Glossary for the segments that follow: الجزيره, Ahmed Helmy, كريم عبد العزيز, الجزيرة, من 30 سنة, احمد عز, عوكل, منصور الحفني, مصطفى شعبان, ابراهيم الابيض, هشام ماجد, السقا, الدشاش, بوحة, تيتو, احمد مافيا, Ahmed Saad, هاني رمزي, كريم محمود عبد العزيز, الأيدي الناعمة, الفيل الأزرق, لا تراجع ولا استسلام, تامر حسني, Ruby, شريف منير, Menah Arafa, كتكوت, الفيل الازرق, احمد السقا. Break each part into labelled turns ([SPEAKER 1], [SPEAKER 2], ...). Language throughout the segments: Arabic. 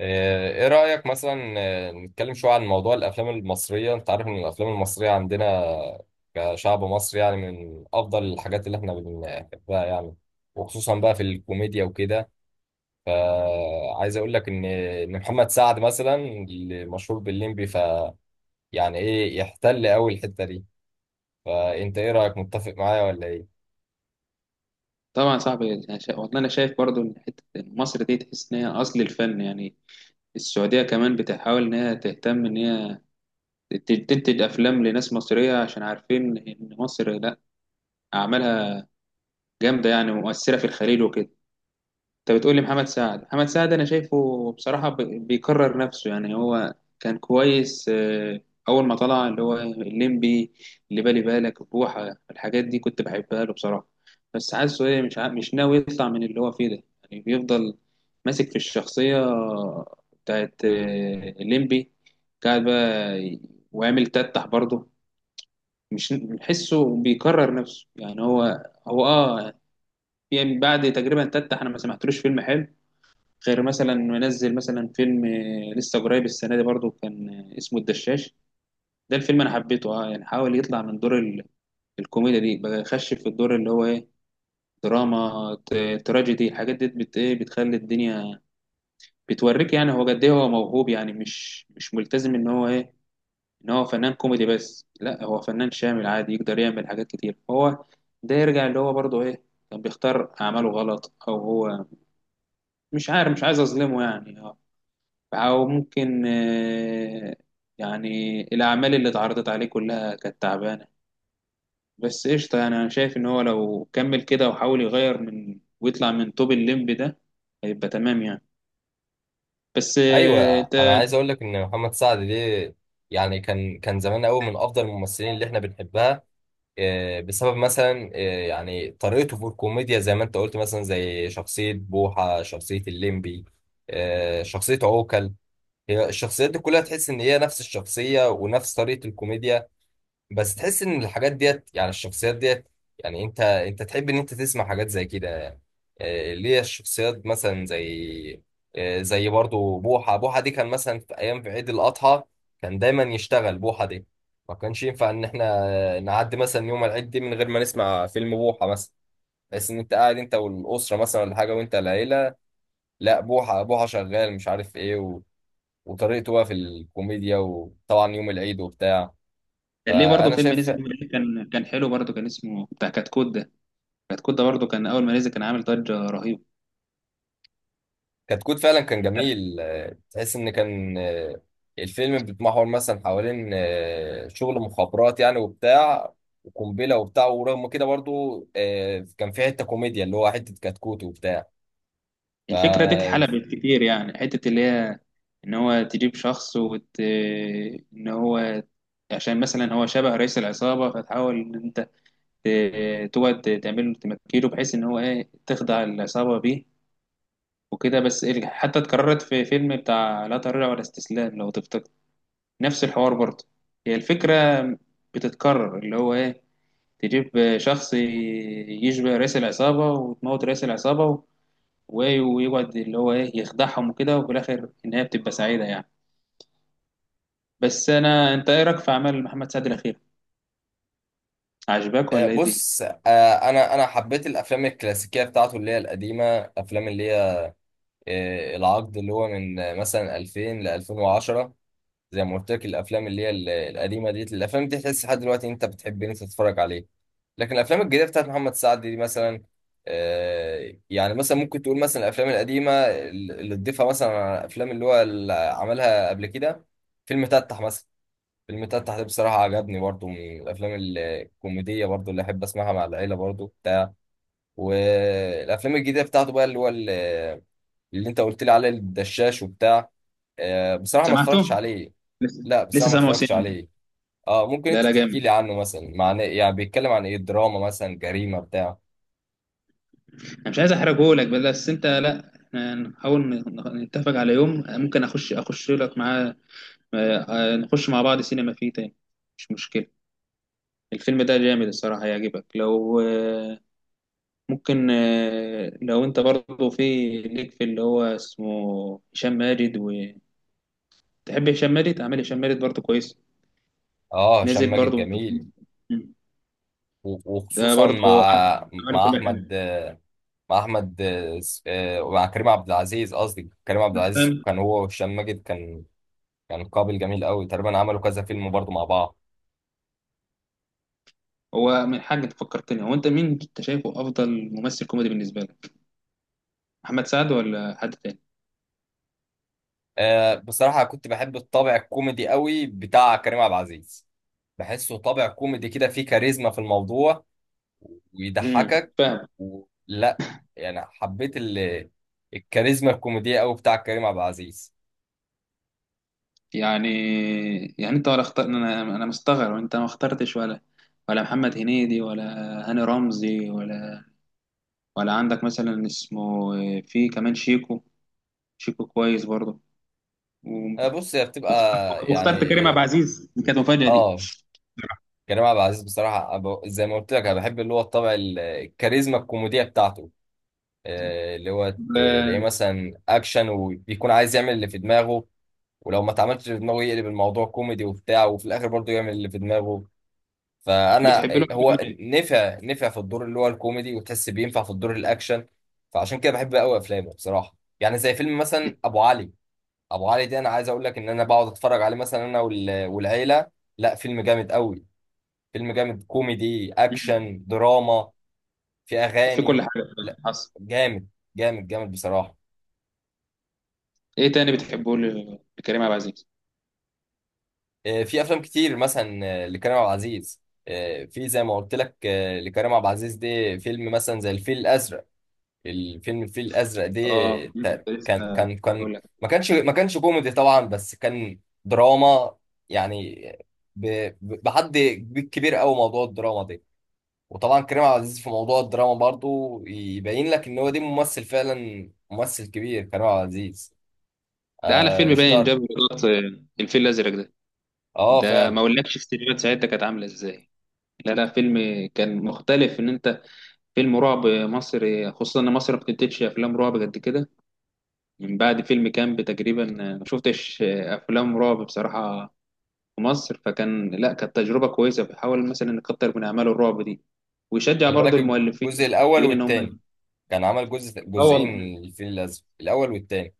[SPEAKER 1] ايه رأيك مثلا، نتكلم شوية عن موضوع الافلام المصرية. انت عارف ان الافلام المصرية عندنا كشعب مصري يعني من افضل الحاجات اللي احنا بنحبها، يعني، وخصوصا بقى في الكوميديا وكده. فعايز اقول لك ان محمد سعد مثلا اللي مشهور بالليمبي، يعني ايه، يحتل قوي الحتة دي. فانت ايه رأيك؟ متفق معايا ولا ايه؟
[SPEAKER 2] طبعا صعب يعني والله انا شايف برضو ان حته إن مصر دي تحس ان هي اصل الفن يعني. السعوديه كمان بتحاول ان هي تهتم ان تنتج افلام لناس مصريه عشان عارفين ان مصر لا اعمالها جامده يعني ومؤثره في الخليج وكده. انت بتقول لي محمد سعد انا شايفه بصراحه بيكرر نفسه يعني هو كان كويس اول ما طلع اللي هو الليمبي، اللي بالي بالك بوحه الحاجات دي كنت بحبها له بصراحه. بس حاسه ايه مش ناوي يطلع من اللي هو فيه ده، يعني بيفضل ماسك في الشخصيه بتاعت الليمبي، قاعد بقى وعامل تتح برضه. مش بحسه بيكرر نفسه يعني هو اه. يعني بعد تقريبا تتح انا ما سمعتلوش فيلم حلو غير مثلا منزل مثلا فيلم لسه قريب السنه دي برضو كان اسمه الدشاش. ده الفيلم انا حبيته اه، يعني حاول يطلع من دور الكوميديا دي بقى يخش في الدور اللي هو ايه، دراما تراجيدي الحاجات دي بت ايه بتخلي الدنيا بتوريك يعني هو قد ايه، هو موهوب يعني مش ملتزم ان هو ايه، ان هو فنان كوميدي بس لا هو فنان شامل عادي يقدر يعمل حاجات كتير. هو ده يرجع اللي هو برضو ايه، كان بيختار اعماله غلط او هو مش عارف، مش عايز اظلمه يعني. أو ممكن يعني الأعمال اللي اتعرضت عليه كلها كانت تعبانة. بس قشطة، يعني أنا شايف إن هو لو كمل كده وحاول يغير من ويطلع من طوب الليمب ده هيبقى تمام يعني. بس
[SPEAKER 1] ايوه، انا
[SPEAKER 2] أنت
[SPEAKER 1] عايز اقول لك ان محمد سعد ده يعني كان زمان قوي من افضل الممثلين اللي احنا بنحبها، بسبب مثلا يعني طريقته في الكوميديا زي ما انت قلت، مثلا زي شخصية بوحة، شخصية الليمبي، شخصية عوكل. هي الشخصيات دي كلها تحس ان هي نفس الشخصية ونفس طريقة الكوميديا، بس تحس ان الحاجات ديت، يعني الشخصيات ديت، يعني انت تحب ان انت تسمع حاجات زي كده، يعني ليه الشخصيات مثلا زي زي برضو بوحة. بوحة دي كان مثلا في ايام، في عيد الاضحى، كان دايما يشتغل بوحة دي. ما كانش ينفع ان احنا نعدي مثلا يوم العيد دي من غير ما نسمع فيلم بوحة مثلا. بس ان انت قاعد انت والاسره مثلا ولا حاجه وانت العيله، لا بوحة بوحة شغال مش عارف ايه وطريقته بقى في الكوميديا، وطبعا يوم العيد وبتاع.
[SPEAKER 2] كان ليه برضه
[SPEAKER 1] فانا
[SPEAKER 2] فيلم
[SPEAKER 1] شايف
[SPEAKER 2] نزل من قريب كان حلو برضه، كان اسمه بتاع كتكوت ده. كتكوت ده برضه كان أول ما نزل كان عامل ضجة رهيبة.
[SPEAKER 1] كتكوت فعلا كان جميل. تحس ان كان الفيلم بيتمحور مثلا حوالين شغل مخابرات يعني وبتاع وقنبله وبتاع. ورغم كده برضو كان في حته كوميديا اللي هو حته كتكوت وبتاع.
[SPEAKER 2] الفكرة دي
[SPEAKER 1] ف
[SPEAKER 2] اتحلبت كتير، يعني حتة اللي هي إن هو تجيب شخص وت... آه، إن هو عشان مثلا هو شبه رئيس العصابة، فتحاول إن أنت تقعد تعمل له تمكيله بحيث ان هو ايه، تخدع العصابه بيه وكده. بس حتى اتكررت في فيلم بتاع لا تراجع ولا استسلام لو تفتكر، نفس الحوار برضه. هي الفكره بتتكرر اللي هو ايه، تجيب شخص يشبه رئيس العصابه وتموت رئيس العصابه، ويقعد اللي هو ايه يخدعهم وكده، وفي الاخر النهايه بتبقى سعيده يعني. بس انا انت ايه رايك في اعمال محمد سعد الاخير، عجبك ولا ايه دي؟
[SPEAKER 1] بص، انا حبيت الافلام الكلاسيكيه بتاعته اللي هي القديمه، افلام اللي هي العقد اللي هو من مثلا 2000 ل 2010. زي ما قلت لك، الافلام اللي هي القديمه دي، الافلام دي تحس لحد دلوقتي انت بتحب ان انت تتفرج عليها. لكن الافلام الجديده بتاعت محمد سعد دي مثلا، يعني مثلا ممكن تقول مثلا الافلام القديمه اللي تضيفها مثلا على الافلام اللي هو اللي عملها قبل كده، فيلم تتح مثلا. فيلم تتح ده بصراحه عجبني، برضو من الافلام الكوميديه برضو اللي احب اسمعها مع العيله برضو بتاع. والافلام الجديده بتاعته بقى اللي انت قلت لي عليه، الدشاش وبتاع، بصراحه ما
[SPEAKER 2] سمعته
[SPEAKER 1] اتفرجتش عليه.
[SPEAKER 2] لسه.
[SPEAKER 1] لا
[SPEAKER 2] لسه
[SPEAKER 1] بصراحه ما
[SPEAKER 2] سامعه
[SPEAKER 1] اتفرجتش
[SPEAKER 2] سين.
[SPEAKER 1] عليه. اه، ممكن
[SPEAKER 2] لا
[SPEAKER 1] انت
[SPEAKER 2] لا
[SPEAKER 1] تحكي لي
[SPEAKER 2] جامد،
[SPEAKER 1] عنه مثلا؟ معناه يعني بيتكلم عن ايه؟ دراما مثلا، جريمه بتاع؟
[SPEAKER 2] انا مش عايز احرجه لك، بس انت لا احنا نحاول نتفق على يوم ممكن اخش لك معاه. آه، نخش مع بعض سينما فيه تاني، مش مشكلة. الفيلم ده جامد الصراحة هيعجبك. لو ممكن لو انت برضه في ليك في اللي هو اسمه هشام ماجد وتحب، هشام ماجد عمل، هشام ماجد برضه كويس،
[SPEAKER 1] اه، هشام
[SPEAKER 2] نزل
[SPEAKER 1] ماجد
[SPEAKER 2] برضه
[SPEAKER 1] جميل،
[SPEAKER 2] ده
[SPEAKER 1] وخصوصا
[SPEAKER 2] برضه
[SPEAKER 1] مع
[SPEAKER 2] عمل
[SPEAKER 1] مع
[SPEAKER 2] كل
[SPEAKER 1] احمد.
[SPEAKER 2] حاجة.
[SPEAKER 1] مع احمد، ومع كريم عبد العزيز. قصدي كريم عبد العزيز
[SPEAKER 2] فاهم.
[SPEAKER 1] كان هو وهشام ماجد كان كان قابل جميل قوي. تقريبا عملوا كذا فيلم برضه مع بعض.
[SPEAKER 2] هو من حاجة فكرتني، هو انت مين انت شايفه افضل ممثل كوميدي بالنسبة لك، محمد سعد ولا حد تاني؟
[SPEAKER 1] بصراحة كنت بحب الطابع الكوميدي قوي بتاع كريم عبد العزيز. بحسه طابع كوميدي كده، فيه كاريزما في الموضوع
[SPEAKER 2] امم،
[SPEAKER 1] ويضحكك
[SPEAKER 2] فاهم.
[SPEAKER 1] ولا، يعني حبيت الكاريزما الكوميدية قوي بتاع كريم عبد العزيز.
[SPEAKER 2] يعني يعني انت ولا اختار، انا مستغرب انت ما اخترتش ولا، ولا محمد هنيدي ولا هاني رمزي ولا، ولا عندك مثلا اسمه في كمان شيكو، شيكو كويس برضه. و-
[SPEAKER 1] بص، هي بتبقى
[SPEAKER 2] واخترت واخترت
[SPEAKER 1] يعني،
[SPEAKER 2] كريم عبد العزيز، دي كانت مفاجأة دي.
[SPEAKER 1] اه. كريم عبد العزيز بصراحة زي ما قلت لك، أنا بحب اللي هو الطبع الكاريزما الكوميدية بتاعته. اللي هو
[SPEAKER 2] ب-
[SPEAKER 1] تلاقيه مثلا أكشن وبيكون عايز يعمل اللي في دماغه، ولو ما اتعملش في دماغه يقلب الموضوع كوميدي وبتاع وفي الآخر برضه يعمل اللي في دماغه. فأنا
[SPEAKER 2] بتحب له
[SPEAKER 1] هو
[SPEAKER 2] أفلام إيه؟
[SPEAKER 1] نفع في الدور اللي هو الكوميدي، وتحس بينفع في الدور الأكشن. فعشان كده بحب أوي أفلامه بصراحة، يعني زي فيلم مثلا
[SPEAKER 2] بت-
[SPEAKER 1] أبو علي. أبو علي ده أنا عايز أقول لك إن أنا بقعد أتفرج عليه مثلا أنا والعيلة. لا، فيلم جامد أوي. فيلم جامد كوميدي
[SPEAKER 2] مم.
[SPEAKER 1] اكشن دراما. في
[SPEAKER 2] في
[SPEAKER 1] اغاني.
[SPEAKER 2] كل حاجة؟
[SPEAKER 1] لا
[SPEAKER 2] حصل.
[SPEAKER 1] جامد، جامد جامد بصراحه.
[SPEAKER 2] ايه تاني بتحبه لكريم عبد العزيز؟
[SPEAKER 1] في افلام كتير مثلا لكريم عبد العزيز. في زي ما قلت لك لكريم عبد العزيز دي فيلم مثلا زي الفيل الازرق. الفيلم الفيل الازرق دي
[SPEAKER 2] اه، كنت
[SPEAKER 1] كان
[SPEAKER 2] لسه
[SPEAKER 1] كان كان
[SPEAKER 2] هقول لك،
[SPEAKER 1] ما كانش كوميدي طبعا، بس كان دراما يعني. بحد كبير قوي موضوع الدراما دي. وطبعا كريم عبد العزيز في موضوع الدراما برضو يبين لك ان هو ده ممثل فعلا، ممثل كبير كريم عبد العزيز.
[SPEAKER 2] ده اعلى
[SPEAKER 1] آه،
[SPEAKER 2] فيلم باين
[SPEAKER 1] اشتهر.
[SPEAKER 2] جاب ايرادات، الفيل الازرق ده.
[SPEAKER 1] اه
[SPEAKER 2] ده
[SPEAKER 1] فعلا.
[SPEAKER 2] ما اقولكش السيناريوهات ساعتها كانت عامله ازاي. لا لا فيلم كان مختلف ان انت، فيلم رعب مصري خصوصا ان مصر ما بتنتجش افلام رعب قد كده. من بعد فيلم كامب تقريبا ما شفتش افلام رعب بصراحه في مصر، فكان لا كانت تجربه كويسه، بحاول مثلا نكتر من اعمال الرعب دي، ويشجع
[SPEAKER 1] خلي
[SPEAKER 2] برضو
[SPEAKER 1] بالك،
[SPEAKER 2] المؤلفين
[SPEAKER 1] الجزء الاول
[SPEAKER 2] المنتجين ان
[SPEAKER 1] والتاني،
[SPEAKER 2] هم.
[SPEAKER 1] كان عمل جزء،
[SPEAKER 2] اه
[SPEAKER 1] جزئين
[SPEAKER 2] والله
[SPEAKER 1] من الفيل الازرق، الاول والتاني.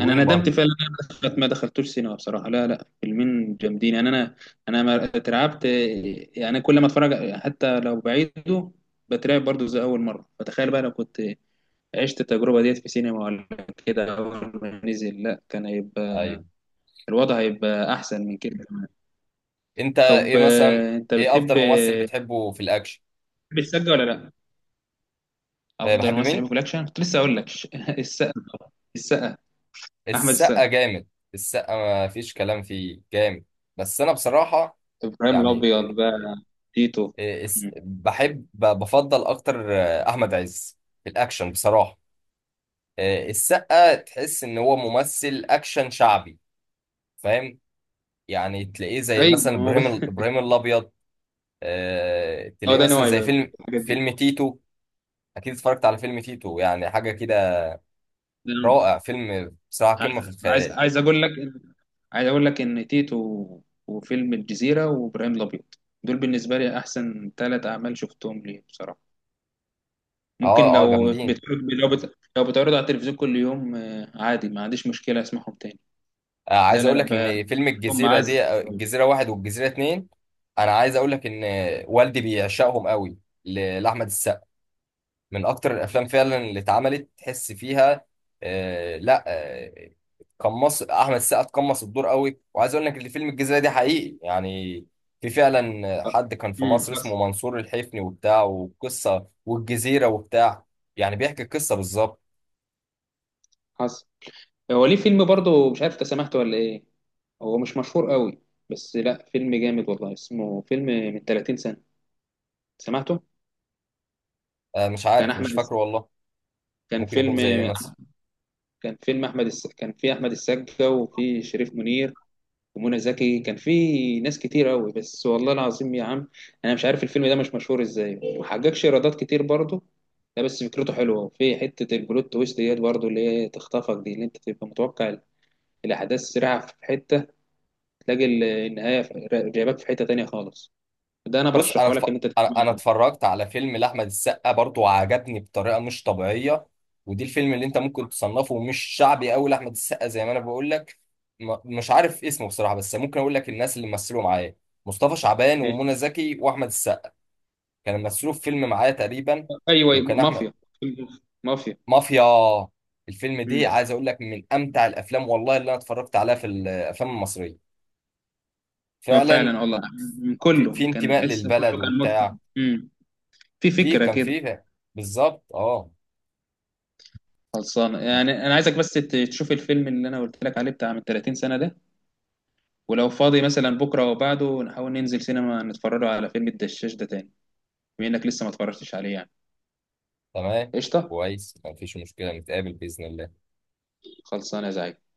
[SPEAKER 2] انا ندمت
[SPEAKER 1] برضو.
[SPEAKER 2] فعلا ان انا دخلت ما دخلتوش سينما بصراحه. لا لا فيلمين جامدين يعني. انا ما اترعبت، يعني أنا كل ما اتفرج حتى لو بعيده بترعب برضو زي اول مره، فتخيل بقى لو كنت عشت التجربه ديت في سينما ولا كده اول ما نزل، لا كان هيبقى
[SPEAKER 1] ايوه.
[SPEAKER 2] الوضع هيبقى احسن من كده كمان.
[SPEAKER 1] انت
[SPEAKER 2] طب
[SPEAKER 1] ايه مثلا،
[SPEAKER 2] انت
[SPEAKER 1] ايه
[SPEAKER 2] بتحب
[SPEAKER 1] افضل ممثل بتحبه في الاكشن؟
[SPEAKER 2] بتحب السقا ولا لا؟
[SPEAKER 1] آه،
[SPEAKER 2] افضل
[SPEAKER 1] بحب
[SPEAKER 2] ممثل بحبه
[SPEAKER 1] مين؟
[SPEAKER 2] في الاكشن كنت لسه اقول لك، السقا طبعاً. السقا، احمد
[SPEAKER 1] السقا
[SPEAKER 2] السقا،
[SPEAKER 1] جامد. السقا ما فيش كلام فيه، جامد. بس انا بصراحة
[SPEAKER 2] ابراهيم
[SPEAKER 1] يعني
[SPEAKER 2] الابيض بقى، تيتو.
[SPEAKER 1] إيه، بحب، بفضل اكتر احمد عز في الاكشن بصراحه. السقا تحس ان هو ممثل اكشن شعبي. فاهم؟ يعني تلاقيه زي
[SPEAKER 2] ايوه
[SPEAKER 1] مثلا
[SPEAKER 2] ما هو
[SPEAKER 1] ابراهيم ابراهيم الابيض.
[SPEAKER 2] هو
[SPEAKER 1] تلاقيه
[SPEAKER 2] ده
[SPEAKER 1] مثلا
[SPEAKER 2] نوعي
[SPEAKER 1] زي
[SPEAKER 2] بقى في
[SPEAKER 1] فيلم
[SPEAKER 2] الحاجات دي،
[SPEAKER 1] فيلم تيتو. اكيد اتفرجت على فيلم تيتو؟ يعني حاجه كده
[SPEAKER 2] ده نوعي.
[SPEAKER 1] رائع. فيلم بصراحه
[SPEAKER 2] عايز
[SPEAKER 1] قمه في
[SPEAKER 2] عايز
[SPEAKER 1] الخيال.
[SPEAKER 2] عايز اقول لك إن- عايز اقول لك ان تيتو وفيلم الجزيره وابراهيم الابيض، دول بالنسبه لي احسن 3 اعمال شفتهم ليه بصراحه. ممكن
[SPEAKER 1] اه، اه
[SPEAKER 2] لو
[SPEAKER 1] جامدين.
[SPEAKER 2] بتعرض لو بتعرض على التلفزيون كل يوم عادي ما عنديش مشكله اسمعهم تاني. لا
[SPEAKER 1] عايز
[SPEAKER 2] لا
[SPEAKER 1] اقول
[SPEAKER 2] لا
[SPEAKER 1] لك
[SPEAKER 2] ب-
[SPEAKER 1] ان فيلم
[SPEAKER 2] بحبهم
[SPEAKER 1] الجزيره
[SPEAKER 2] معزه.
[SPEAKER 1] دي، الجزيره واحد والجزيره اتنين، انا عايز اقول لك ان والدي بيعشقهم قوي، لاحمد السقا. من اكتر الافلام فعلا اللي اتعملت تحس فيها، آه لا آه، قمص احمد السقا قمص الدور قوي. وعايز اقول لك اللي فيلم الجزيره دي حقيقي يعني. في فعلا حد كان في
[SPEAKER 2] امم،
[SPEAKER 1] مصر
[SPEAKER 2] حصل.
[SPEAKER 1] اسمه منصور الحفني وبتاع، وقصه والجزيره وبتاع. يعني بيحكي القصه بالظبط.
[SPEAKER 2] حصل. هو ليه فيلم برضه مش عارف انت سمعته ولا ايه، هو مش مشهور قوي، بس لا فيلم جامد والله، اسمه فيلم من 30 سنه. سمعته؟
[SPEAKER 1] آه مش
[SPEAKER 2] كان
[SPEAKER 1] عارف،
[SPEAKER 2] احمد
[SPEAKER 1] مش فاكره والله.
[SPEAKER 2] كان
[SPEAKER 1] ممكن يكون
[SPEAKER 2] فيلم
[SPEAKER 1] زي ايه مثلا؟
[SPEAKER 2] كان فيلم، كان في احمد السقا وفي شريف منير ومنى زكي، كان في ناس كتير قوي. بس والله العظيم يا عم انا مش عارف الفيلم ده مش مشهور ازاي، وما حققش ايرادات كتير برضه. ده بس فكرته حلوه في حته البلوت تويست ديت برضه اللي هي تخطفك دي، اللي انت تبقى متوقع الاحداث سريعه في حته، تلاقي جايباك في حته تانية خالص. ده انا
[SPEAKER 1] بص انا
[SPEAKER 2] برشحه لك ان انت
[SPEAKER 1] أنا
[SPEAKER 2] تتفرج
[SPEAKER 1] اتفرجت على فيلم لاحمد السقا برضه وعجبني بطريقه مش طبيعيه. ودي الفيلم اللي انت ممكن تصنفه مش شعبي قوي لاحمد السقا زي ما انا بقول لك. مش عارف اسمه بصراحه، بس ممكن اقول لك الناس اللي مثلوا معايا: مصطفى شعبان،
[SPEAKER 2] عليه.
[SPEAKER 1] ومنى زكي، واحمد السقا، كانوا مثلوا في فيلم معايا تقريبا.
[SPEAKER 2] ايوه
[SPEAKER 1] وكان احمد،
[SPEAKER 2] مافيا. فيلم مافيا.
[SPEAKER 1] مافيا. الفيلم دي
[SPEAKER 2] مم.
[SPEAKER 1] عايز اقول لك من امتع الافلام والله اللي انا اتفرجت عليها في الافلام المصريه،
[SPEAKER 2] اه
[SPEAKER 1] فعلا.
[SPEAKER 2] فعلا والله، من
[SPEAKER 1] في
[SPEAKER 2] كله كان
[SPEAKER 1] انتماء
[SPEAKER 2] تحس
[SPEAKER 1] للبلد
[SPEAKER 2] كله كان متقن.
[SPEAKER 1] وبتاع.
[SPEAKER 2] امم. في
[SPEAKER 1] في
[SPEAKER 2] فكره
[SPEAKER 1] كان
[SPEAKER 2] كده.
[SPEAKER 1] فيه بالظبط، اه.
[SPEAKER 2] خلصانه يعني. انا عايزك بس تشوف الفيلم اللي انا قلت لك عليه بتاع من 30 سنه ده، ولو فاضي مثلا بكره او بعده نحاول ننزل سينما نتفرج على فيلم الدشاش ده تاني، بما انك لسه ما اتفرجتش عليه يعني.
[SPEAKER 1] تمام.
[SPEAKER 2] قشطه.
[SPEAKER 1] كويس مفيش مشكلة، نتقابل بإذن الله.
[SPEAKER 2] خلصانه يا زعيم.